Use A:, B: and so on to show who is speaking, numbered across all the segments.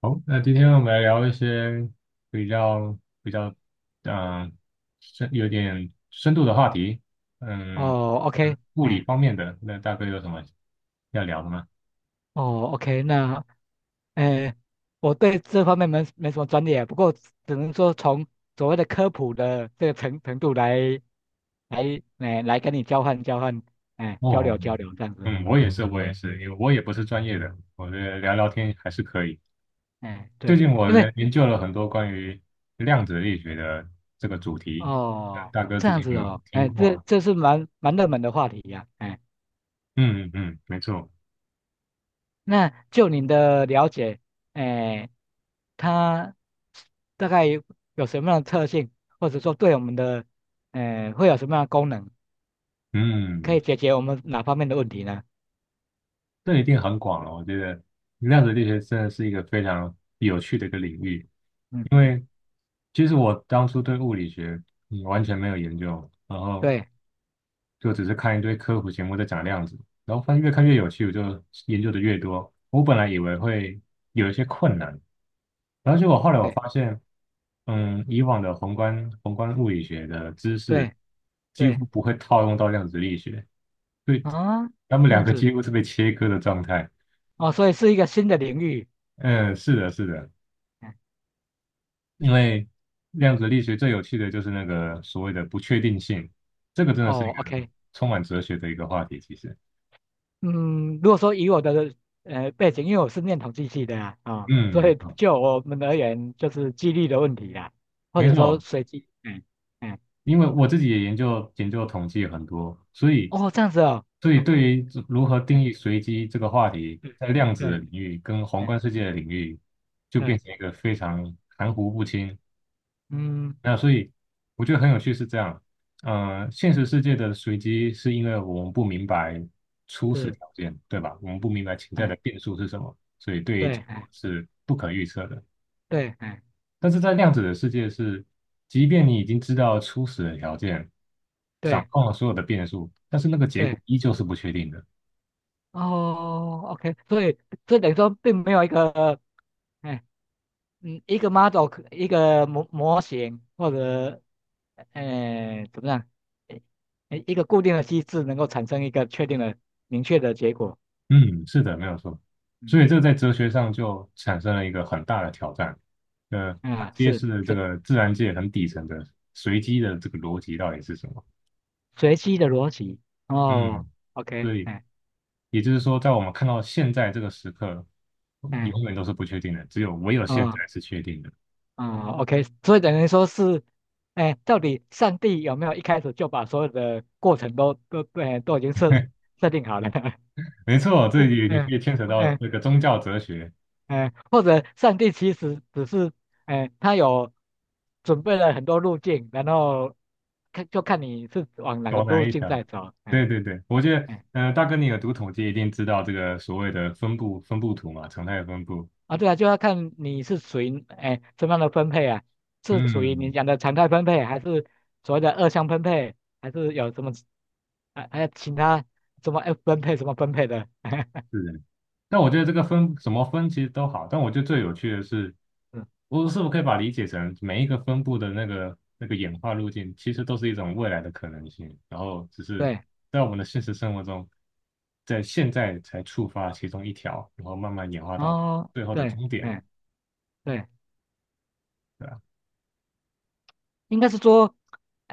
A: 好，那今天我们来聊一些比较嗯有点深度的话题，嗯，
B: 哦，OK，
A: 物理
B: 哎，
A: 方面的，那大哥有什么要聊的吗？
B: 哦，OK，那，哎，我对这方面没什么专业啊，不过只能说从所谓的科普的这个程度来跟你交换交换，哎，交
A: 哦，
B: 流交流这样子，
A: 嗯，我
B: 嗯，
A: 也是，我也是，因为我也不是专业的，我觉得聊聊天还是可以。
B: 哎，
A: 最
B: 对，
A: 近我
B: 因为
A: 在研究了很多关于量子力学的这个主题，那
B: 哦，
A: 大哥
B: 这
A: 之
B: 样
A: 前
B: 子
A: 有
B: 哦，
A: 听
B: 哎，
A: 过
B: 这
A: 吗？
B: 这是蛮热门的话题呀、哎。
A: 嗯嗯嗯，没错，
B: 那就您的了解，哎，它大概有什么样的特性，或者说对我们的，会有什么样的功能，可以
A: 嗯。
B: 解决我们哪方面的问题呢？
A: 这一定很广了。我觉得量子力学真的是一个非常有趣的一个领域，
B: 嗯
A: 因
B: 嗯，
A: 为其实我当初对物理学完全没有研究，然后
B: 对
A: 就只是看一堆科普节目在讲量子，然后发现越看越有趣，我就研究的越多。我本来以为会有一些困难，然后结果后来我发
B: 对
A: 现，嗯，以往的宏观物理学的知识
B: 对
A: 几
B: 对，
A: 乎不会套用到量子力学，所以
B: 啊，
A: 他们
B: 这
A: 两
B: 样
A: 个几
B: 子
A: 乎是被切割的状态。
B: 哦，所以是一个新的领域。
A: 嗯，是的，是的。
B: 嗯
A: 因为量子力学最有趣的就是那个所谓的不确定性，这个真的是一
B: 哦
A: 个
B: ，OK,
A: 充满哲学的一个话题。其实，
B: 嗯，如果说以我的背景，因为我是念统计系的啊、
A: 嗯，
B: 所
A: 没
B: 以
A: 错，
B: 就我们而言，就是几率的问题啦，或
A: 没
B: 者说
A: 错，
B: 随机，嗯。嗯
A: 因为我自己也研究统计很多，所以，
B: 哦，这样子哦，
A: 所以对 于如何
B: 哎，
A: 定义随机这个话题，
B: 嗯，
A: 在量子的
B: 对，
A: 领域跟宏
B: 哎，
A: 观世界的领域，就变
B: 对，
A: 成一个非常含糊不清，
B: 嗯，
A: 那所以我觉得很有趣是这样，呃，现实世界的随机是因为我们不明白初始
B: 是，
A: 条件，对吧？我们不明白潜在的
B: 哎，
A: 变数是什么，所以对于
B: 对，
A: 结果
B: 哎，
A: 是不可预测的。
B: 对，哎，
A: 但是在量子的世界是，即便你已经知道初始的条件，掌
B: 对，
A: 控了所有的变数，但是那个结果
B: 对，
A: 依旧是不确定的。
B: 哦，OK,所以这等于说并没有一个，哎，嗯，一个 model,可一个模型或者，哎，怎么样，哎一个固定的机制能够产生一个确定的、明确的结果，
A: 嗯，是的，没有错。所
B: 嗯，
A: 以这在哲学上就产生了一个很大的挑战，它
B: 啊，
A: 揭
B: 是，
A: 示了这
B: 是
A: 个自然界很底层的随机的这个逻辑到底是什么。
B: 随机的逻辑，哦
A: 嗯，
B: ，OK,
A: 所以
B: 哎，
A: 也就是说，在我们看到现在这个时刻，永
B: 哎。
A: 远都是不确定的，只有唯有现
B: 哦
A: 在是确定的。
B: 啊、O K 所以等于说是，哎，到底上帝有没有一开始就把所有的过程都都已经设 设定好了？
A: 没错，这
B: 过
A: 里也可
B: 嗯
A: 以牵扯到
B: 嗯
A: 这个宗
B: 嗯
A: 教哲学，
B: 嗯，或者上帝其实只是，哎，他有准备了很多路径，然后看就看你是往哪个
A: 高难
B: 路
A: 一
B: 径
A: 条。
B: 在走，
A: 对
B: 哎
A: 对对，我觉得，
B: 哎
A: 嗯，大哥，你有读统计，一定知道这个所谓的分布图嘛，常态分布。
B: 啊，对啊，就要看你是属于哎怎么样的分配啊，是属于你
A: 嗯，
B: 讲的常态分配，还是所谓的二项分配，还是有什么，还有其他什么 F 分配什么分配的？
A: 是的，但我觉得这个分什么分其实都好，但我觉得最有趣的是，
B: 嗯
A: 我是否可以把理解成每一个分布的那个演化路径，其实都是一种未来的可能性，然后只是
B: 对，
A: 在我们的现实生活中，在现在才触发其中一条，然后慢慢演化到
B: 哦，
A: 最后的
B: 对，
A: 终点，
B: 哎，对，
A: 对吧？
B: 应该是说，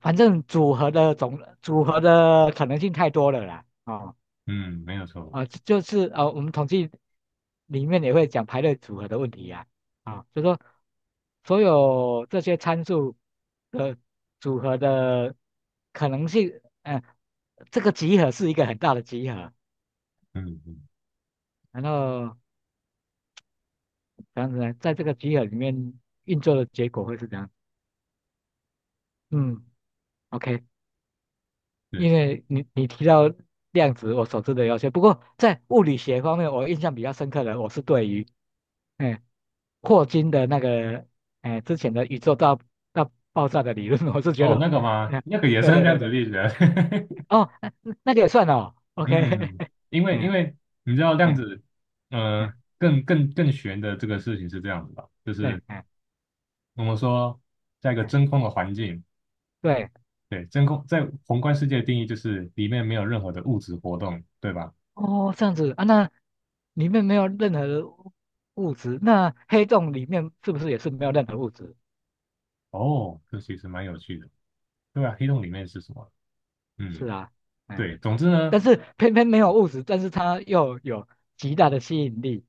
B: 反正组合的总组合的可能性太多了啦，哦。
A: 嗯，没有错，
B: 啊、就是啊、我们统计里面也会讲排列组合的问题呀、啊，啊、就说所有这些参数的组合的可能性，嗯、这个集合是一个很大的集合，
A: 嗯嗯，
B: 然后这样子呢，在这个集合里面运作的结果会是怎样？嗯，OK,
A: 是
B: 因为你提到量子，我所知的有些，不过在物理学方面，我印象比较深刻的，我是对于。嗯霍金的那个，哎，之前的宇宙大爆炸的理论，我是觉得，
A: 哦，那个吗？
B: 嗯，
A: 那个也
B: 对
A: 算
B: 对
A: 量
B: 对
A: 子
B: 对，
A: 力学，
B: 哦，那个也算哦，OK,
A: 嗯，因为因
B: 嗯
A: 为你知道量
B: 嗯
A: 子，
B: 嗯，
A: 更玄的这个事情是这样子的，就
B: 对，
A: 是
B: 嗯
A: 我们说在一个
B: 嗯
A: 真空的环境，
B: 对，
A: 对，真空在宏观世界的定义就是里面没有任何的物质活动，对吧？
B: 哦，这样子啊，那里面没有任何的物质，那黑洞里面是不是也是没有任何物质？
A: 哦，这其实蛮有趣的，对吧？黑洞里面是什么？
B: 是
A: 嗯，
B: 啊，嗯，
A: 对，总之
B: 但
A: 呢，
B: 是偏偏没有物质，但是它又有极大的吸引力，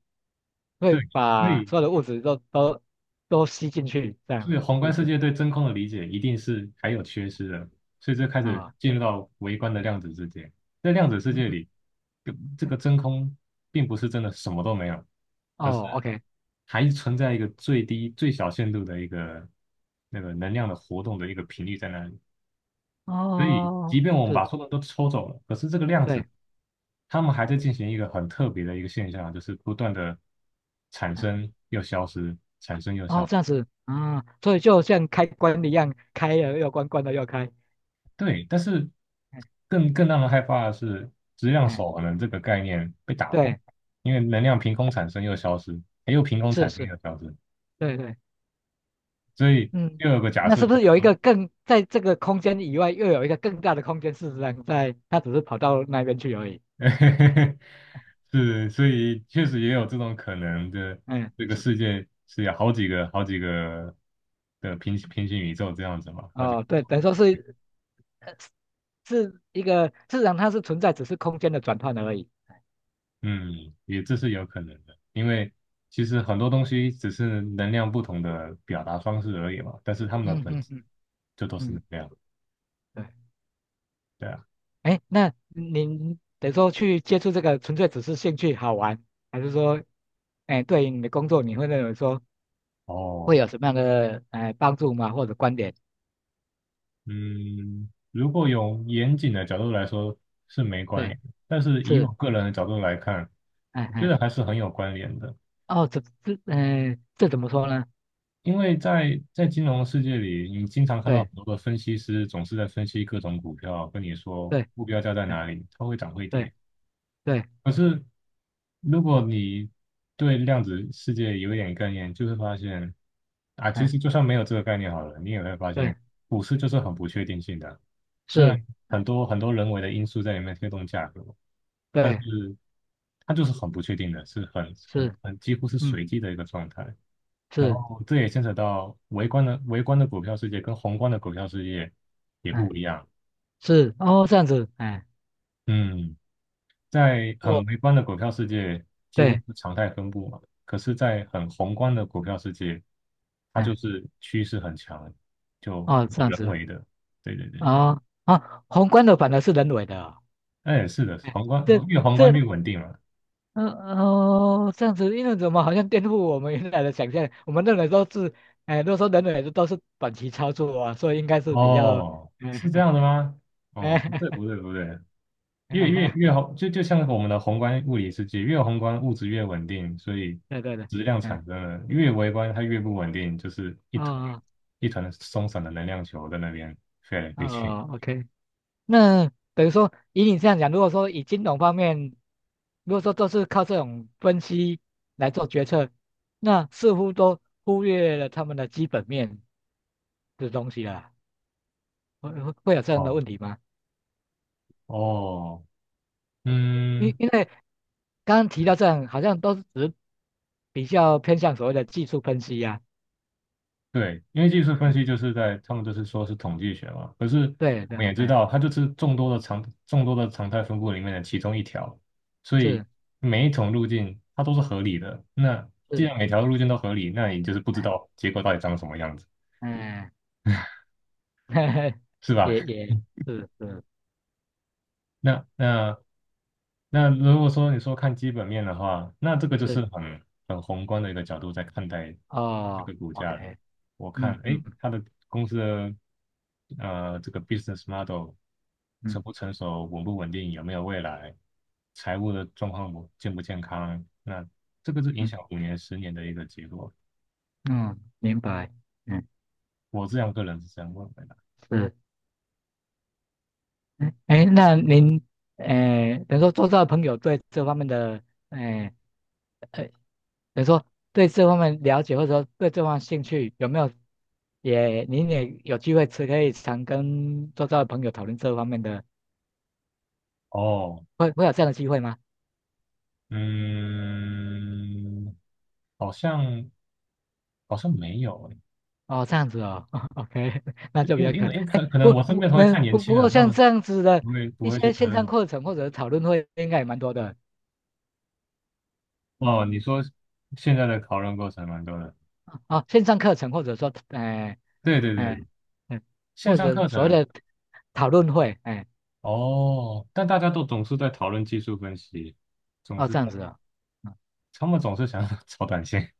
B: 会
A: 对，所
B: 把
A: 以
B: 所有的物质都吸进去，这样
A: 所以
B: 子
A: 宏
B: 是
A: 观
B: 不
A: 世
B: 是？
A: 界对真空的理解一定是还有缺失的，所以这开始
B: 啊、
A: 进入到微观的量子世界。在量子世界
B: 嗯，
A: 里，这个
B: 对
A: 真空并不是真的什么都没有，而是
B: 哦，OK,
A: 还存在一个最低、最小限度的一个那个能量的活动的一个频率在那里。所以，即
B: 哦，
A: 便我们把
B: 是，
A: 所有人都抽走了，可是这个量子，
B: 对，
A: 他们还在进行一个很特别的一个现象，就是不断的产
B: 哎
A: 生又消失。
B: 哦，这样子，啊、所以就像开关一样，开了又关，关了又开，
A: 对，但是
B: 哎
A: 更让人害怕的是，质量
B: 哎，
A: 守恒的这个概念被打破，
B: 对，
A: 因为能量凭空产生又消失，又凭空
B: 是
A: 产生
B: 是，
A: 又消失，
B: 对对，
A: 所以
B: 嗯，
A: 又有个假
B: 那
A: 设，
B: 是不是有一个更在这个空间以外，又有一个更大的空间？事实上在，它只是跑到那边去而已。
A: 是，所以确实也有这种可能的，
B: 嗯，
A: 这个
B: 是，
A: 世界是有好几个的平行宇宙这样子嘛，好几个。
B: 哦，对，等于说是，呃，是一个，事实上它是存在，只是空间的转换而已。
A: 嗯，也这是有可能的，因为其实很多东西只是能量不同的表达方式而已嘛，但是它们的
B: 嗯
A: 本
B: 嗯
A: 质
B: 嗯
A: 就都是能
B: 嗯，
A: 量，
B: 对。
A: 对啊。
B: 哎，那您等于说去接触这个，纯粹只是兴趣好玩，还是说，哎，对于你的工作，你会认为说会
A: 哦，
B: 有什么样的帮助吗？或者观点？
A: 嗯，如果有严谨的角度来说是没关
B: 对，
A: 联的，但是以我
B: 是，
A: 个人的角度来看，
B: 哎
A: 我觉
B: 哎，
A: 得还是很有关联的，
B: 哦，这，嗯、这怎么说呢？
A: 因为在金融世界里，你经常看到
B: 对
A: 很多的分析师总是在分析各种股票，跟你说
B: 对，
A: 目标价在
B: 哎
A: 哪里，它会涨会
B: 对
A: 跌。
B: 对，
A: 可是如果你对量子世界有一点概念，就会发现啊，其
B: 哎
A: 实就算没有这个概念好了，你也会发
B: 对，
A: 现股市就是很不确定性的。虽然
B: 是，
A: 很多人为的因素在里面推动价格，但
B: 对
A: 是它就是很不确定的，是很很
B: 是，
A: 很几乎是
B: 嗯
A: 随机的一个状态。然
B: 是，
A: 后这也牵扯到微观的股票世界跟宏观的股票世界也
B: 哎
A: 不一样。
B: 是，哦这样子，哎
A: 嗯。在
B: 哦
A: 很微观的股票世界，几乎
B: 对，
A: 是常态分布嘛。可是，在很宏观的股票世界，它就
B: 哎
A: 是趋势很强，就
B: 哦
A: 就
B: 这
A: 是
B: 样
A: 人
B: 子，
A: 为的。对对对对，
B: 哦啊，宏观的反而是人为的哦，
A: 那也是的，
B: 哎
A: 宏观
B: 这
A: 越宏观
B: 这。
A: 越稳定嘛。
B: 嗯哦，这样子，因为怎么好像颠覆我们原来的想象？我们认为都是，哎，如果说人类都是短期操作啊，所以应该是比较，
A: 哦，
B: 嗯，
A: 是这样的吗？哦，不对 不对不对，越
B: 哎，
A: 宏，就像我们的宏观物理世界，越宏观物质越稳定，所以
B: 对对对，
A: 质量产
B: 嗯，
A: 生了。越微观它越不稳定，就是一团
B: 哦
A: 一团松散的能量球在那边飞来飞去。
B: 哦，OK,那等于说以你这样讲，如果说以金融方面，如果说都是靠这种分析来做决策，那似乎都忽略了他们的基本面的东西了，会有这样的
A: 哦
B: 问题吗？
A: 哦，
B: 因
A: 嗯，
B: 因为刚刚提到这样，好像都是只比较偏向所谓的技术分析呀、
A: 对，因为技术分
B: 嗯，
A: 析就是在他们就是说是统计学嘛，可是
B: 对
A: 我
B: 对，
A: 们也知
B: 嗯，
A: 道它就是众多的常态分布里面的其中一条，所以
B: 是
A: 每一种路径它都是合理的。那既
B: 是，
A: 然每条路径都合理，那你就是不知
B: 嗯
A: 道结果到底长什么样子，
B: 嗯，
A: 是吧？
B: 也是是
A: 那那那如果说你说看基本面的话，那这个就
B: 是，
A: 是很宏观的一个角度在看待这
B: 哦
A: 个股价了。
B: ，OK,
A: 我
B: 嗯
A: 看，
B: 嗯
A: 哎，它的公司的这个 business model 成不
B: 嗯
A: 成熟、稳不稳定、有没有未来、财务的状况不健不健康，那这个是影
B: 嗯
A: 响5年、10年的一个结果。
B: 嗯，明白，嗯
A: 我这样个人是这样认为的。
B: 是，嗯哎，那您，哎，等于说做到朋友对这方面的，哎呃，等于说对这方面了解或者说对这方面兴趣有没有？也，您也有机会吃，可以常跟周遭的朋友讨论这方面的，
A: 哦，
B: 会有这样的机会吗？
A: 嗯，好像好像没有诶。
B: 哦，这样子哦 ，OK,那就比
A: 因为
B: 较
A: 因
B: 可
A: 为
B: 哎，
A: 可能
B: 不
A: 我身
B: 不
A: 边的同学
B: 没
A: 太年
B: 不不
A: 轻了，
B: 过
A: 他
B: 像
A: 们
B: 这样子的
A: 不会不
B: 一
A: 会去
B: 些
A: 谈
B: 线上
A: 论。
B: 课程或者讨论会，应该也蛮多的
A: 哦，你说现在的讨论过程蛮多的，
B: 哦。线上课程或者说，哎
A: 对对对，
B: 哎嗯，
A: 线
B: 或
A: 上
B: 者
A: 课
B: 所谓
A: 程
B: 的讨论会，哎
A: 哦，但大家都总是在讨论技术分析，总
B: 哦
A: 是
B: 这样
A: 在
B: 子哦，嗯
A: 他们总是想要 炒短线。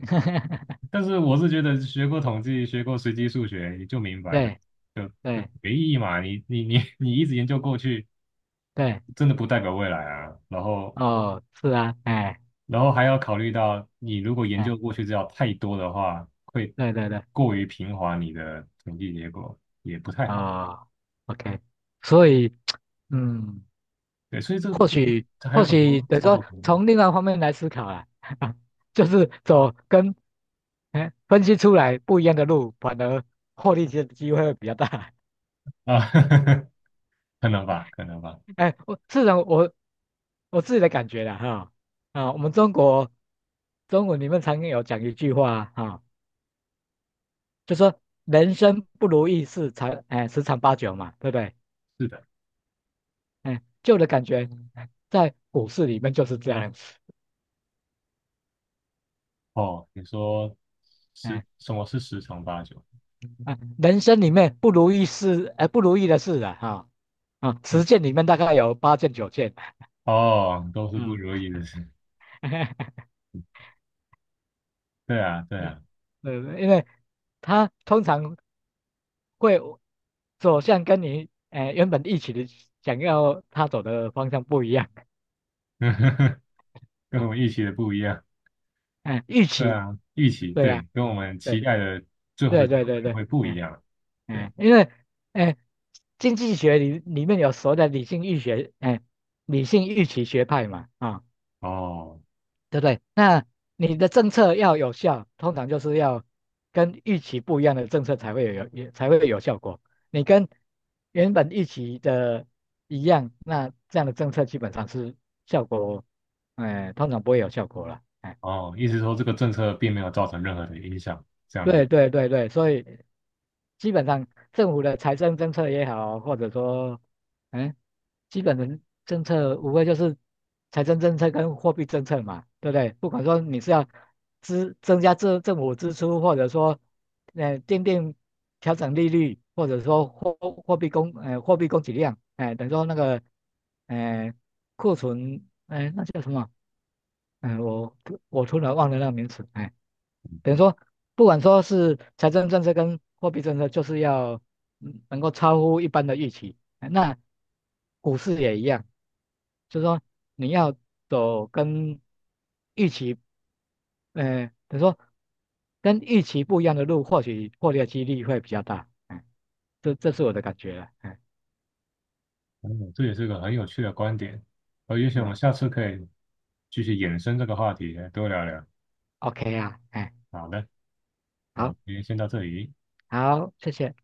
A: 但是我是觉得学过统计、学过随机数学，你就明白的，
B: 对
A: 就就
B: 对
A: 没意义嘛。你一直研究过去，
B: 对，
A: 真的不代表未来啊。然后
B: 哦是啊，哎
A: 然后还要考虑到，你如果研究过
B: 哎
A: 去资料太多的话，会
B: 对对对，
A: 过于平滑你的统计结果，也不太好。
B: 哦，OK,所以嗯。
A: 对，所以这
B: 或
A: 这
B: 许
A: 这还
B: 或
A: 有很
B: 许
A: 多
B: 等于
A: 操
B: 说
A: 作空间
B: 从另外方面来思考啊，就是走跟哎分析出来不一样的路，反而获利的机会会比较大。
A: 啊，可能吧，可能吧。
B: 哎，我自己的感觉啦哈啊，我们中国中文里面常有讲一句话啊，哈就说人生不如意事十常八九嘛，对不对？
A: 是的，
B: 哎，就我的感觉在股市里面就是这样子，
A: 哦，你说十
B: 哎
A: 什么是十常八九？
B: 啊，人生里面不如意事哎不如意的事啊哈。啊，十
A: 是
B: 件里面大概有8件9件，
A: 哦，都是不
B: 嗯，
A: 如意的事。对啊，对啊，
B: 对，因为他通常会走向跟你原本预期的想要他走的方向不一样，
A: 跟我们预期的不一样。
B: 嗯，预
A: 对
B: 期，
A: 啊，预期
B: 对啊，
A: 对，跟我们期
B: 对
A: 待的最后的
B: 对
A: 结
B: 对
A: 果
B: 对对，
A: 会不一
B: 嗯
A: 样。对，
B: 嗯，因为哎，经济学里面有所谓的理性预期学派嘛，啊、
A: 哦。
B: 对不对？那你的政策要有效，通常就是要跟预期不一样的政策才会有效果。你跟原本预期的一样，那这样的政策基本上是效果，哎、通常不会有效果了。哎，
A: 哦，意思说这个政策并没有造成任何的影响，这样的一，
B: 对对对对，所以基本上政府的财政政策也好，或者说，嗯，基本的政策无非就是财政政策跟货币政策嘛，对不对？不管说你是要增加政府支出，或者说，奠定调整利率，或者说货币供给量，哎、等于说那个，呃，库存，哎、那叫什么？哎，我突然忘了那个名词，哎、等于说，不管说是财政政策跟货币政策，就是要能够超乎一般的预期。哎那股市也一样，就是说你要走跟预期，等于说跟预期不一样的路，或许获利的几率会比较大。嗯，这是我的感觉了。哎，
A: 嗯，这也是个很有趣的观点。呃，也许
B: 是
A: 我们
B: 啊
A: 下次可以继续延伸这个话题，多聊聊。
B: ，OK 啊，哎，
A: 好的，那我
B: 好，
A: 们今天先到这里。
B: 好，谢谢。